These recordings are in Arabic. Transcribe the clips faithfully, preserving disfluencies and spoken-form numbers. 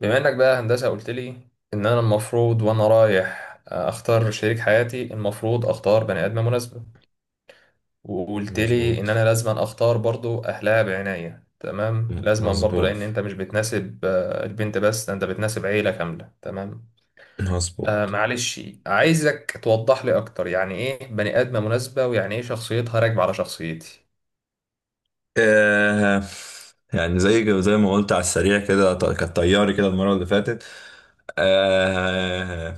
بما انك بقى هندسة قلت لي ان انا المفروض وانا رايح اختار شريك حياتي المفروض اختار بني ادمة مناسبة. وقلت لي ان انا مظبوط لازم اختار برضو اهلها بعناية. تمام، لازم برضو مظبوط لان انت مش بتناسب آه، البنت بس، ده انت بتناسب عيلة كاملة. تمام، آه مظبوط معلش. عايزك توضح لي اكتر، يعني ايه بني ادمة مناسبة، ويعني ايه شخصيتها راكبة على شخصيتي؟ آه يعني زي زي ما قلت على السريع كده، ط- كانت طياري كده المرة اللي فاتت. آه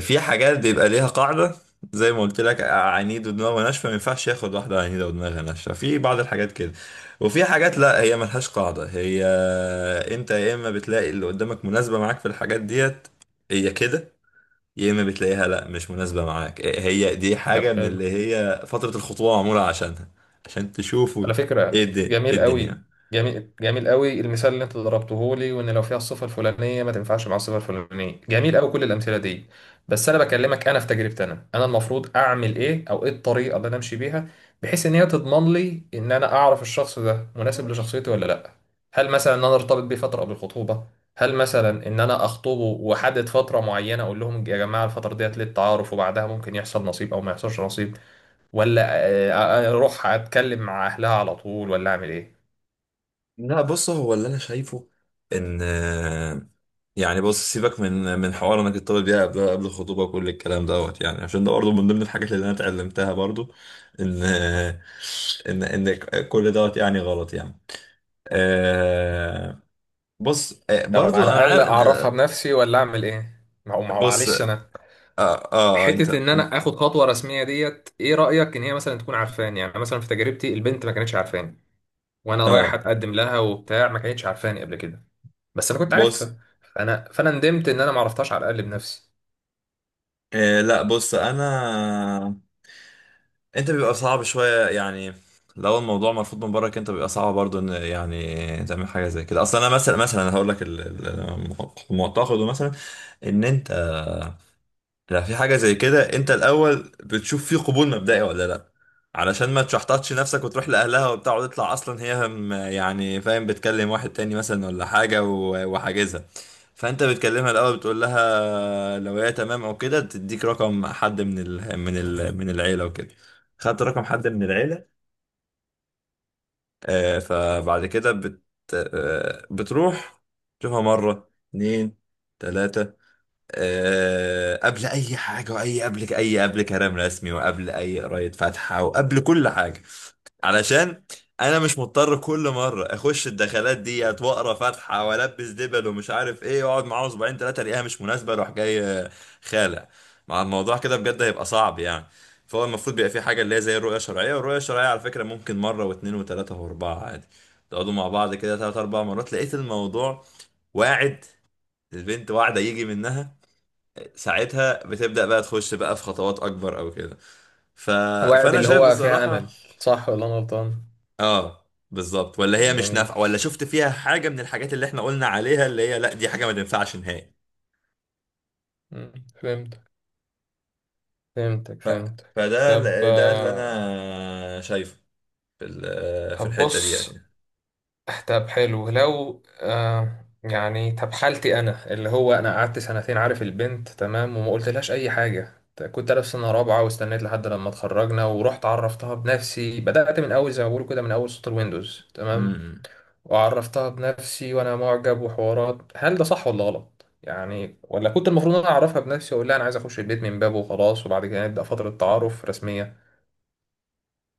في حاجات بيبقى ليها قاعدة، زي ما قلت لك، عنيد ودماغه ناشفة ما ينفعش ياخد واحدة عنيدة ودماغها ناشفة في بعض الحاجات كده. وفي حاجات لا، هي ملهاش قاعدة، هي آه، انت يا اما بتلاقي اللي قدامك مناسبة معاك في الحاجات ديت، هي كده، يا اما بتلاقيها لا، مش مناسبه معاك. إيه هي دي؟ طب حاجه من حلو. اللي هي فتره الخطوبه معموله عشانها، عشان تشوفوا على فكرة ايه الدنيا, إيه جميل قوي. الدنيا. جميل جميل قوي المثال اللي انت ضربته لي، وان لو فيها الصفة الفلانية ما تنفعش مع الصفة الفلانية. جميل قوي كل الامثلة دي. بس انا بكلمك انا في تجربتي، انا انا المفروض اعمل ايه، او ايه الطريقة اللي انا امشي بيها بحيث ان هي تضمن لي ان انا اعرف الشخص ده مناسب لشخصيتي ولا لا؟ هل مثلا ان انا ارتبط بيه فترة قبل الخطوبة؟ هل مثلا ان انا اخطبه واحدد فترة معينة اقول لهم يا جماعة الفترة ديت للتعارف، وبعدها ممكن يحصل نصيب او ما يحصلش نصيب؟ ولا آه، آه، اروح اتكلم مع اهلها على طول ولا اعمل ايه؟ لا بص، هو اللي انا شايفه ان آه، يعني بص، سيبك من من حوار انك تطلب بيها قبل قبل الخطوبه وكل الكلام دوت، يعني عشان ده برضه من ضمن الحاجات اللي انا اتعلمتها برضه، ان آه، ان ان كل دوت يعني غلط يعني. آه، بص، آه، طب برضو على انا الاقل عارف إن- اعرفها بنفسي ولا اعمل ايه؟ ما هو ما هو بص معلش اه انا اه انت حته ان انا اخد خطوه رسميه ديت، ايه رايك ان هي مثلا تكون عارفاني؟ يعني مثلا في تجربتي البنت ما كانتش عارفاني، وانا رايح اه اتقدم لها وبتاع، ما كانتش عارفاني قبل كده. بس انا كنت بص، عارفها. فانا فانا ندمت ان انا ما عرفتهاش على الاقل بنفسي. إيه لا، بص، انا انت بيبقى صعب شويه يعني. لو الموضوع مرفوض من برك، انت بيبقى صعب برضو ان يعني تعمل حاجه زي كده اصلا. انا مثلا مثلا هقول لك ال- ال- المعتقد مثلا ان انت، لا، في حاجة زي كده انت الاول بتشوف فيه قبول مبدئي ولا لا، علشان ما تشحططش نفسك وتروح لاهلها وبتاع وتطلع اصلا هي هم- يعني فاهم، بتكلم واحد تاني مثلا ولا حاجة و- وحاجزها. فانت بتكلمها الاول، بتقول لها لو هي تمام او كده تديك رقم حد من ال من ال من العيلة وكده. خدت رقم حد من العيلة، آه، فبعد كده بت آه، بتروح تشوفها مرة، اتنين، تلاتة، آه، قبل اي حاجه، واي قبل اي قبل كلام رسمي وقبل اي قرايه فاتحه وقبل كل حاجه. علشان انا مش مضطر كل مره اخش الدخلات ديت واقرا فاتحه والبس دبل ومش عارف ايه واقعد معاه اسبوعين ثلاثه الاقيها مش مناسبه اروح جاي آه، خالع مع الموضوع كده، بجد هيبقى صعب يعني. فهو المفروض بيبقى في حاجه اللي هي زي الرؤيه الشرعيه، والرؤيه الشرعيه على فكره ممكن مره واثنين وثلاثه واربعه عادي، تقعدوا مع بعض كده ثلاث اربع مرات، لقيت الموضوع واعد، البنت واعده، يجي منها، ساعتها بتبدأ بقى تخش بقى في خطوات اكبر او كده. ف... واعد فانا اللي شايف هو فيها امل، بصراحة، صح ولا انا غلطان؟ اه، بالظبط، ولا هي مش جميل. نافعة، ولا شفت فيها حاجة من الحاجات اللي احنا قلنا عليها اللي هي لا، دي حاجة ما تنفعش نهائي. مم، فهمتك. فهمتك ف... فهمتك. فده طب ال- ده اللي آه، انا شايفه في ال- في طب الحتة دي. بص. طب حلو، لو آه يعني طب حالتي انا اللي هو انا قعدت سنتين عارف البنت تمام وما قلتلهاش اي حاجه. كنت انا في سنه رابعه واستنيت لحد لما اتخرجنا ورحت عرفتها بنفسي، بدات من اول زي ما بقولوا كده من اول سطر ويندوز. تمام، يعني وعرفتها بنفسي وانا معجب وحوارات. هل ده صح ولا غلط يعني، ولا كنت المفروض انا اعرفها بنفسي واقول لها انا عايز اخش البيت من بابه وخلاص، وبعد كده نبدا فتره تعارف رسميه؟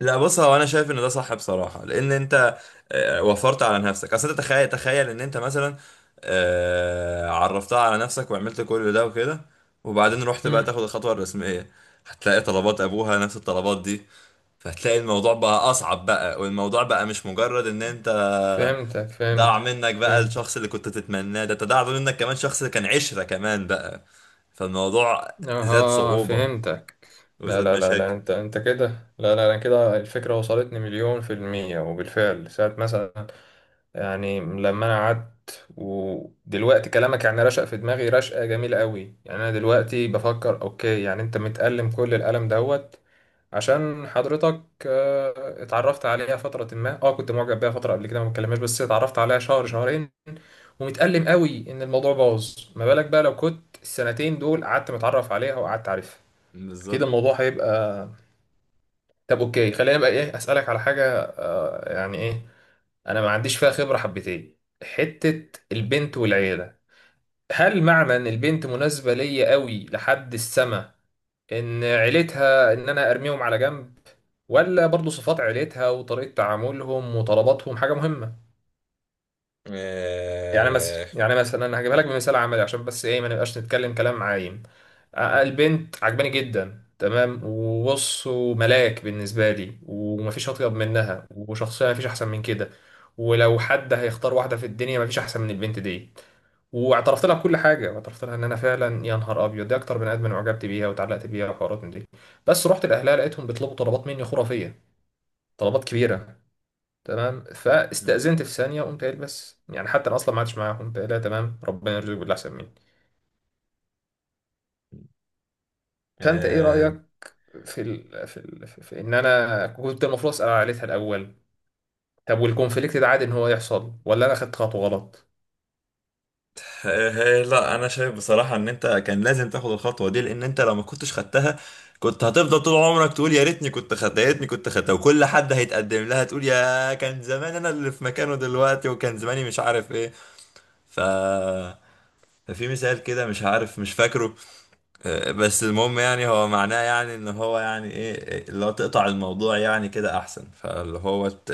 لا، بص، هو انا شايف ان ده صح بصراحه، لان انت آه، وفرت على نفسك. اصل انت تخيل، تخيل ان انت مثلا آه، عرفتها على نفسك وعملت كل ده وكده وبعدين رحت بقى امم، تاخد الخطوه الرسميه، هتلاقي طلبات ابوها نفس الطلبات دي، فهتلاقي الموضوع بقى اصعب بقى، والموضوع بقى مش مجرد ان انت فهمتك ضاع فهمتك منك بقى فهمت. الشخص اللي كنت تتمناه، ده انت ضاع منك كمان شخص كان عشره كمان بقى، فالموضوع زاد اها صعوبه فهمتك. لا وزاد لا لا لا، مشاكل. انت انت كده. لا لا، انا كده الفكره وصلتني مليون في الميه، وبالفعل ساعه مثلا. يعني لما انا قعدت ودلوقتي كلامك يعني رشق في دماغي رشقه جميله قوي، يعني انا دلوقتي بفكر اوكي. يعني انت متألم كل الألم دوت عشان حضرتك آه، اتعرفت عليها فترة. ما اه كنت معجب بيها فترة قبل كده ما اتكلمناش، بس اتعرفت عليها شهر شهرين ومتألم قوي ان الموضوع باظ. ما بالك بقى لو كنت السنتين دول قعدت متعرف عليها وقعدت عارفها. اكيد بالظبط. الموضوع هيبقى. طب اوكي، خلينا بقى ايه، اسألك على حاجة. آه، يعني ايه، انا ما عنديش فيها خبرة حبتين، حتة البنت والعيلة. هل معنى ان البنت مناسبة ليا قوي لحد السما، ان عيلتها ان انا ارميهم على جنب، ولا برضو صفات عيلتها وطريقة تعاملهم وطلباتهم حاجة مهمة؟ يعني مثلا يعني مثلا انا هجيبها لك آه، بمثال عملي عشان بس ايه ما نبقاش نتكلم كلام عايم. آه، البنت عجباني جدا، تمام، وبص وملاك بالنسبة لي، ومفيش أطيب منها، وشخصية مفيش أحسن من كده، ولو حد هيختار واحدة في الدنيا مفيش أحسن من البنت دي. واعترفت لها بكل حاجه، واعترفت لها ان انا فعلا يا نهار ابيض دي اكتر بني ادم انا اعجبت بيها واتعلقت بيها وحوارات من دي. بس رحت لاهلها لقيتهم بيطلبوا طلبات مني خرافيه، طلبات كبيره. تمام، مم. فاستاذنت في ثانيه، قمت قايل بس يعني حتى انا اصلا ما عادش معاهم، قمت قايلها تمام ربنا يرزقك باللي احسن مني. فانت ايه آه رايك في ال... في، ال... في في ان انا كنت المفروض اسال عائلتها الاول؟ طب والكونفليكت ده عادي ان هو يحصل، ولا انا خدت خطوه غلط؟ آه، لا، انا شايف بصراحه ان انت كان لازم تاخد الخطوه دي، لان انت لو ما كنتش خدتها كنت هتفضل طول عمرك تقول يا ريتني كنت خدتها، يا ريتني كنت خدتها، وكل حد هيتقدم لها تقول يا كان زمان انا اللي في مكانه دلوقتي وكان زماني مش عارف ايه. ف ففي مثال كده مش عارف، مش فاكره، بس المهم يعني، هو معناه يعني ان هو يعني ايه اللي هو تقطع الموضوع يعني كده احسن، فاللي هو ت-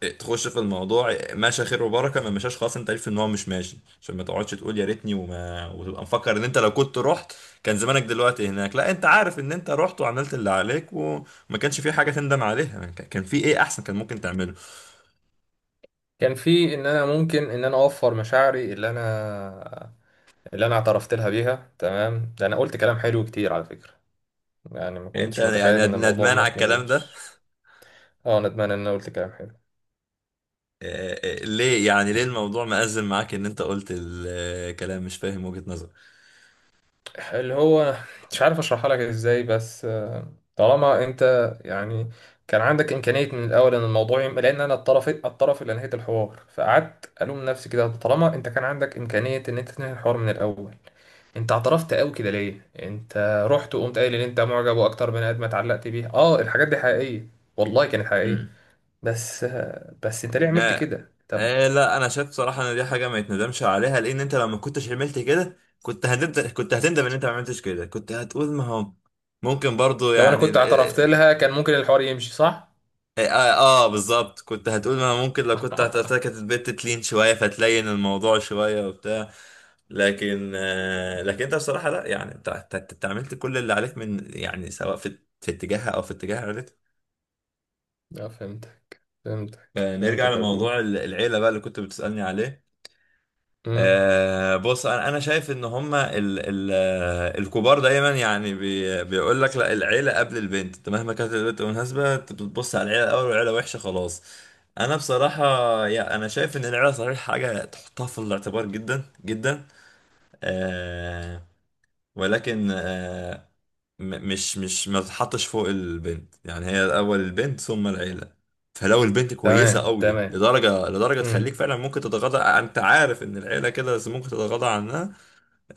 ت- تخش في الموضوع، ماشي خير وبركه، ما مشاش خلاص انت عارف ان هو مش ماشي، عشان ما تقعدش تقول يا ريتني وما وتبقى مفكر ان انت لو كنت رحت كان زمانك دلوقتي هناك، لا، انت عارف ان انت رحت وعملت اللي عليك وما كانش في حاجه تندم عليها. كان كان في ايه احسن كان ممكن تعمله؟ كان في ان انا ممكن ان انا اوفر مشاعري اللي انا اللي انا اعترفت لها بيها. تمام، ده انا قلت كلام حلو كتير على فكرة. يعني ما انت كنتش متخيل يعني ان ند- الموضوع ندمان على ممكن الكلام يبوظ. ده؟ اه ندمان ان انا قلت كلام حلو. آه، آه، ليه يعني؟ ليه الموضوع مأزم معاك ان انت قلت الكلام؟ مش فاهم وجهة اللي هو مش عارف اشرحها لك ازاي، بس طالما انت يعني كان عندك امكانية من الاول ان الموضوع يم... لان انا الطرف، الطرف اللي انهيت الحوار، فقعدت الوم نفسي كده. طالما انت كان عندك امكانية ان انت تنهي الحوار من الاول، انت اعترفت قوي كده ليه؟ انت رحت وقمت قايل ان انت معجب واكتر بني ادم اتعلقت بيه. اه الحاجات دي حقيقية، والله كانت حقيقية. نظرك. بس، بس انت ليه عملت آه. كده طب؟ آه لا، انا شايف صراحه ان دي حاجه ما يتندمش عليها، لان انت لو ما كنتش عملت كده كنت هتندم، كنت هتندم ان انت ما عملتش كده، كنت هتقول ما هو ممكن برضو لو انا يعني كنت ال- اعترفت اه, لها كان ممكن الحوار يمشي صح؟ آه, آه آه، آه، بالظبط، كنت هتقول ما هو ممكن لو كنت هتعتبر كانت البت تلين شويه فتلين الموضوع شويه وبتاع. لكن آه لكن انت بصراحه لا، يعني انت انت انت- انت عملت كل اللي عليك من يعني، سواء في في اتجاهها او في اتجاه عيلتها. اه فهمتك فهمتك آه، نرجع فهمتك يا برو. لموضوع ال- العيله بقى اللي كنت بتسالني عليه. امم. آه بص، انا أنا شايف ان هما ال ال آه، الكبار دايما يعني بي بيقول لك لا، العيله قبل البنت، انت مهما كانت البنت مناسبه انت بتبص على العيله الاول، والعيله وحشه خلاص. انا بصراحه، يا انا شايف ان العيله صحيح حاجه تحطها في الاعتبار جدا جدا، آه ولكن آه، م- مش مش ما تتحطش فوق البنت، يعني هي الاول البنت ثم العيله. فلو البنت كويسه تمام قوي تمام. لدرجه لدرجه تخليك امم. فعلا ممكن تتغاضى، انت عارف ان العيله كده بس ممكن تتغاضى عنها،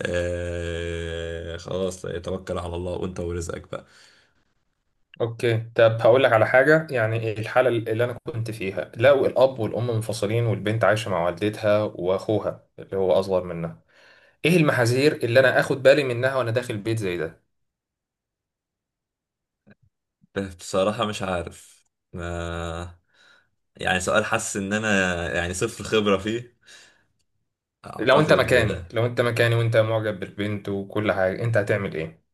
آه خلاص توكل على الله وانت ورزقك بقى. اوكي، طب هقول لك على حاجه. يعني الحاله اللي انا كنت فيها، لو الاب والام منفصلين والبنت عايشه مع والدتها واخوها اللي هو اصغر منها، ايه المحاذير اللي انا اخد بالي منها وانا داخل بيت زي ده؟ بصراحه مش عارف، آه يعني سؤال حاسس ان انا يعني صفر خبره فيه. لو انت اعتقد مكاني، آه، لو انت مكاني وانت معجب بالبنت وكل حاجه، انت هتعمل ايه؟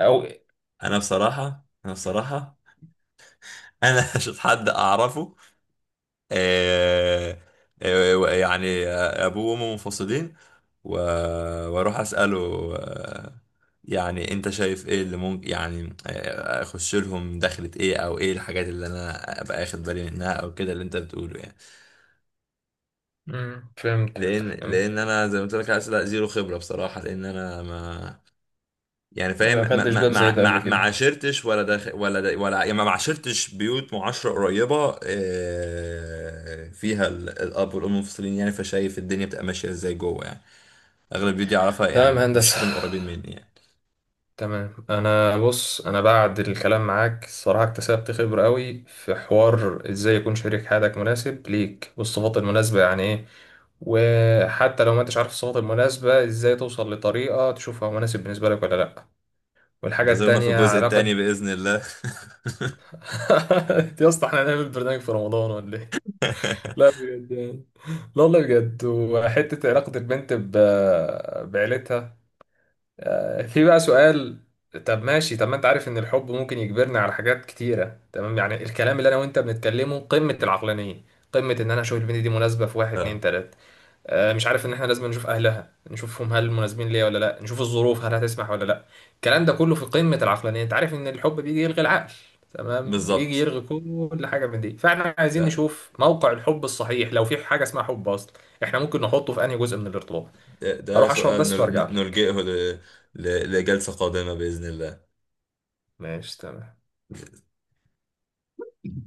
او انا بصراحه، انا بصراحه انا مش حد اعرفه آه، آه، يعني ابوه وامه منفصلين و- واروح اساله، آه، يعني انت شايف ايه اللي ممكن يعني آه، اخش لهم دخلة ايه، او ايه الحاجات اللي انا ابقى اخد بالي منها او كده، اللي انت بتقوله يعني. مم. فهمتك لان لان فهمتك. انا زي ما قلت لك اسئله زيرو خبره بصراحه، لان انا ما يعني فاهم، ما ما دخلتش ما باب زي ما ده قبل ما ما كده. عاشرتش ولا داخل ولا دا ولا يعني ما عاشرتش بيوت معاشرة قريبة آه، فيها ال- الأب والأم منفصلين يعني، فشايف الدنيا بتبقى ماشية ازاي جوه يعني. أغلب البيوت دي أعرفها، تمام يعني مفيش هندسة. حد من القريبين مني يعني. تمام، انا بص انا بعد الكلام معاك الصراحة اكتسبت خبرة قوي في حوار ازاي يكون شريك حياتك مناسب ليك، والصفات المناسبة يعني ايه، وحتى لو ما انتش عارف الصفات المناسبة ازاي توصل لطريقة تشوفها مناسب بالنسبة لك ولا لا. والحاجة انتظرونا في التانية الجزء علاقة التاني بإذن الله. يا اسطى، احنا هنعمل برنامج في رمضان ولا ايه؟ لا بجد يعني، لا والله بجد. وحتة علاقة البنت ب... بعيلتها. آه، في بقى سؤال. طب ماشي، طب ما انت عارف ان الحب ممكن يجبرنا على حاجات كتيرة. تمام، يعني الكلام اللي انا وانت بنتكلمه قمة العقلانية، قمة ان انا اشوف البنت دي مناسبة في واحد اتنين آه، تلاتة، آه، مش عارف ان احنا لازم نشوف اهلها نشوفهم هل مناسبين ليا ولا لا، نشوف الظروف هل هتسمح ولا لا. الكلام ده كله في قمة العقلانية. انت عارف ان الحب بيجي يلغي العقل، تمام يجي بالظبط. يلغي كل حاجة من دي. فاحنا عايزين ده نشوف موقع الحب الصحيح، لو في حاجة اسمها حب اصلا، احنا ممكن نحطه في انهي جزء من الارتباط. ده ده اروح اشرب سؤال بس وارجع نل- لك. نلجئه ل- ل- لجلسة قادمة بإذن الله. ماشي تمام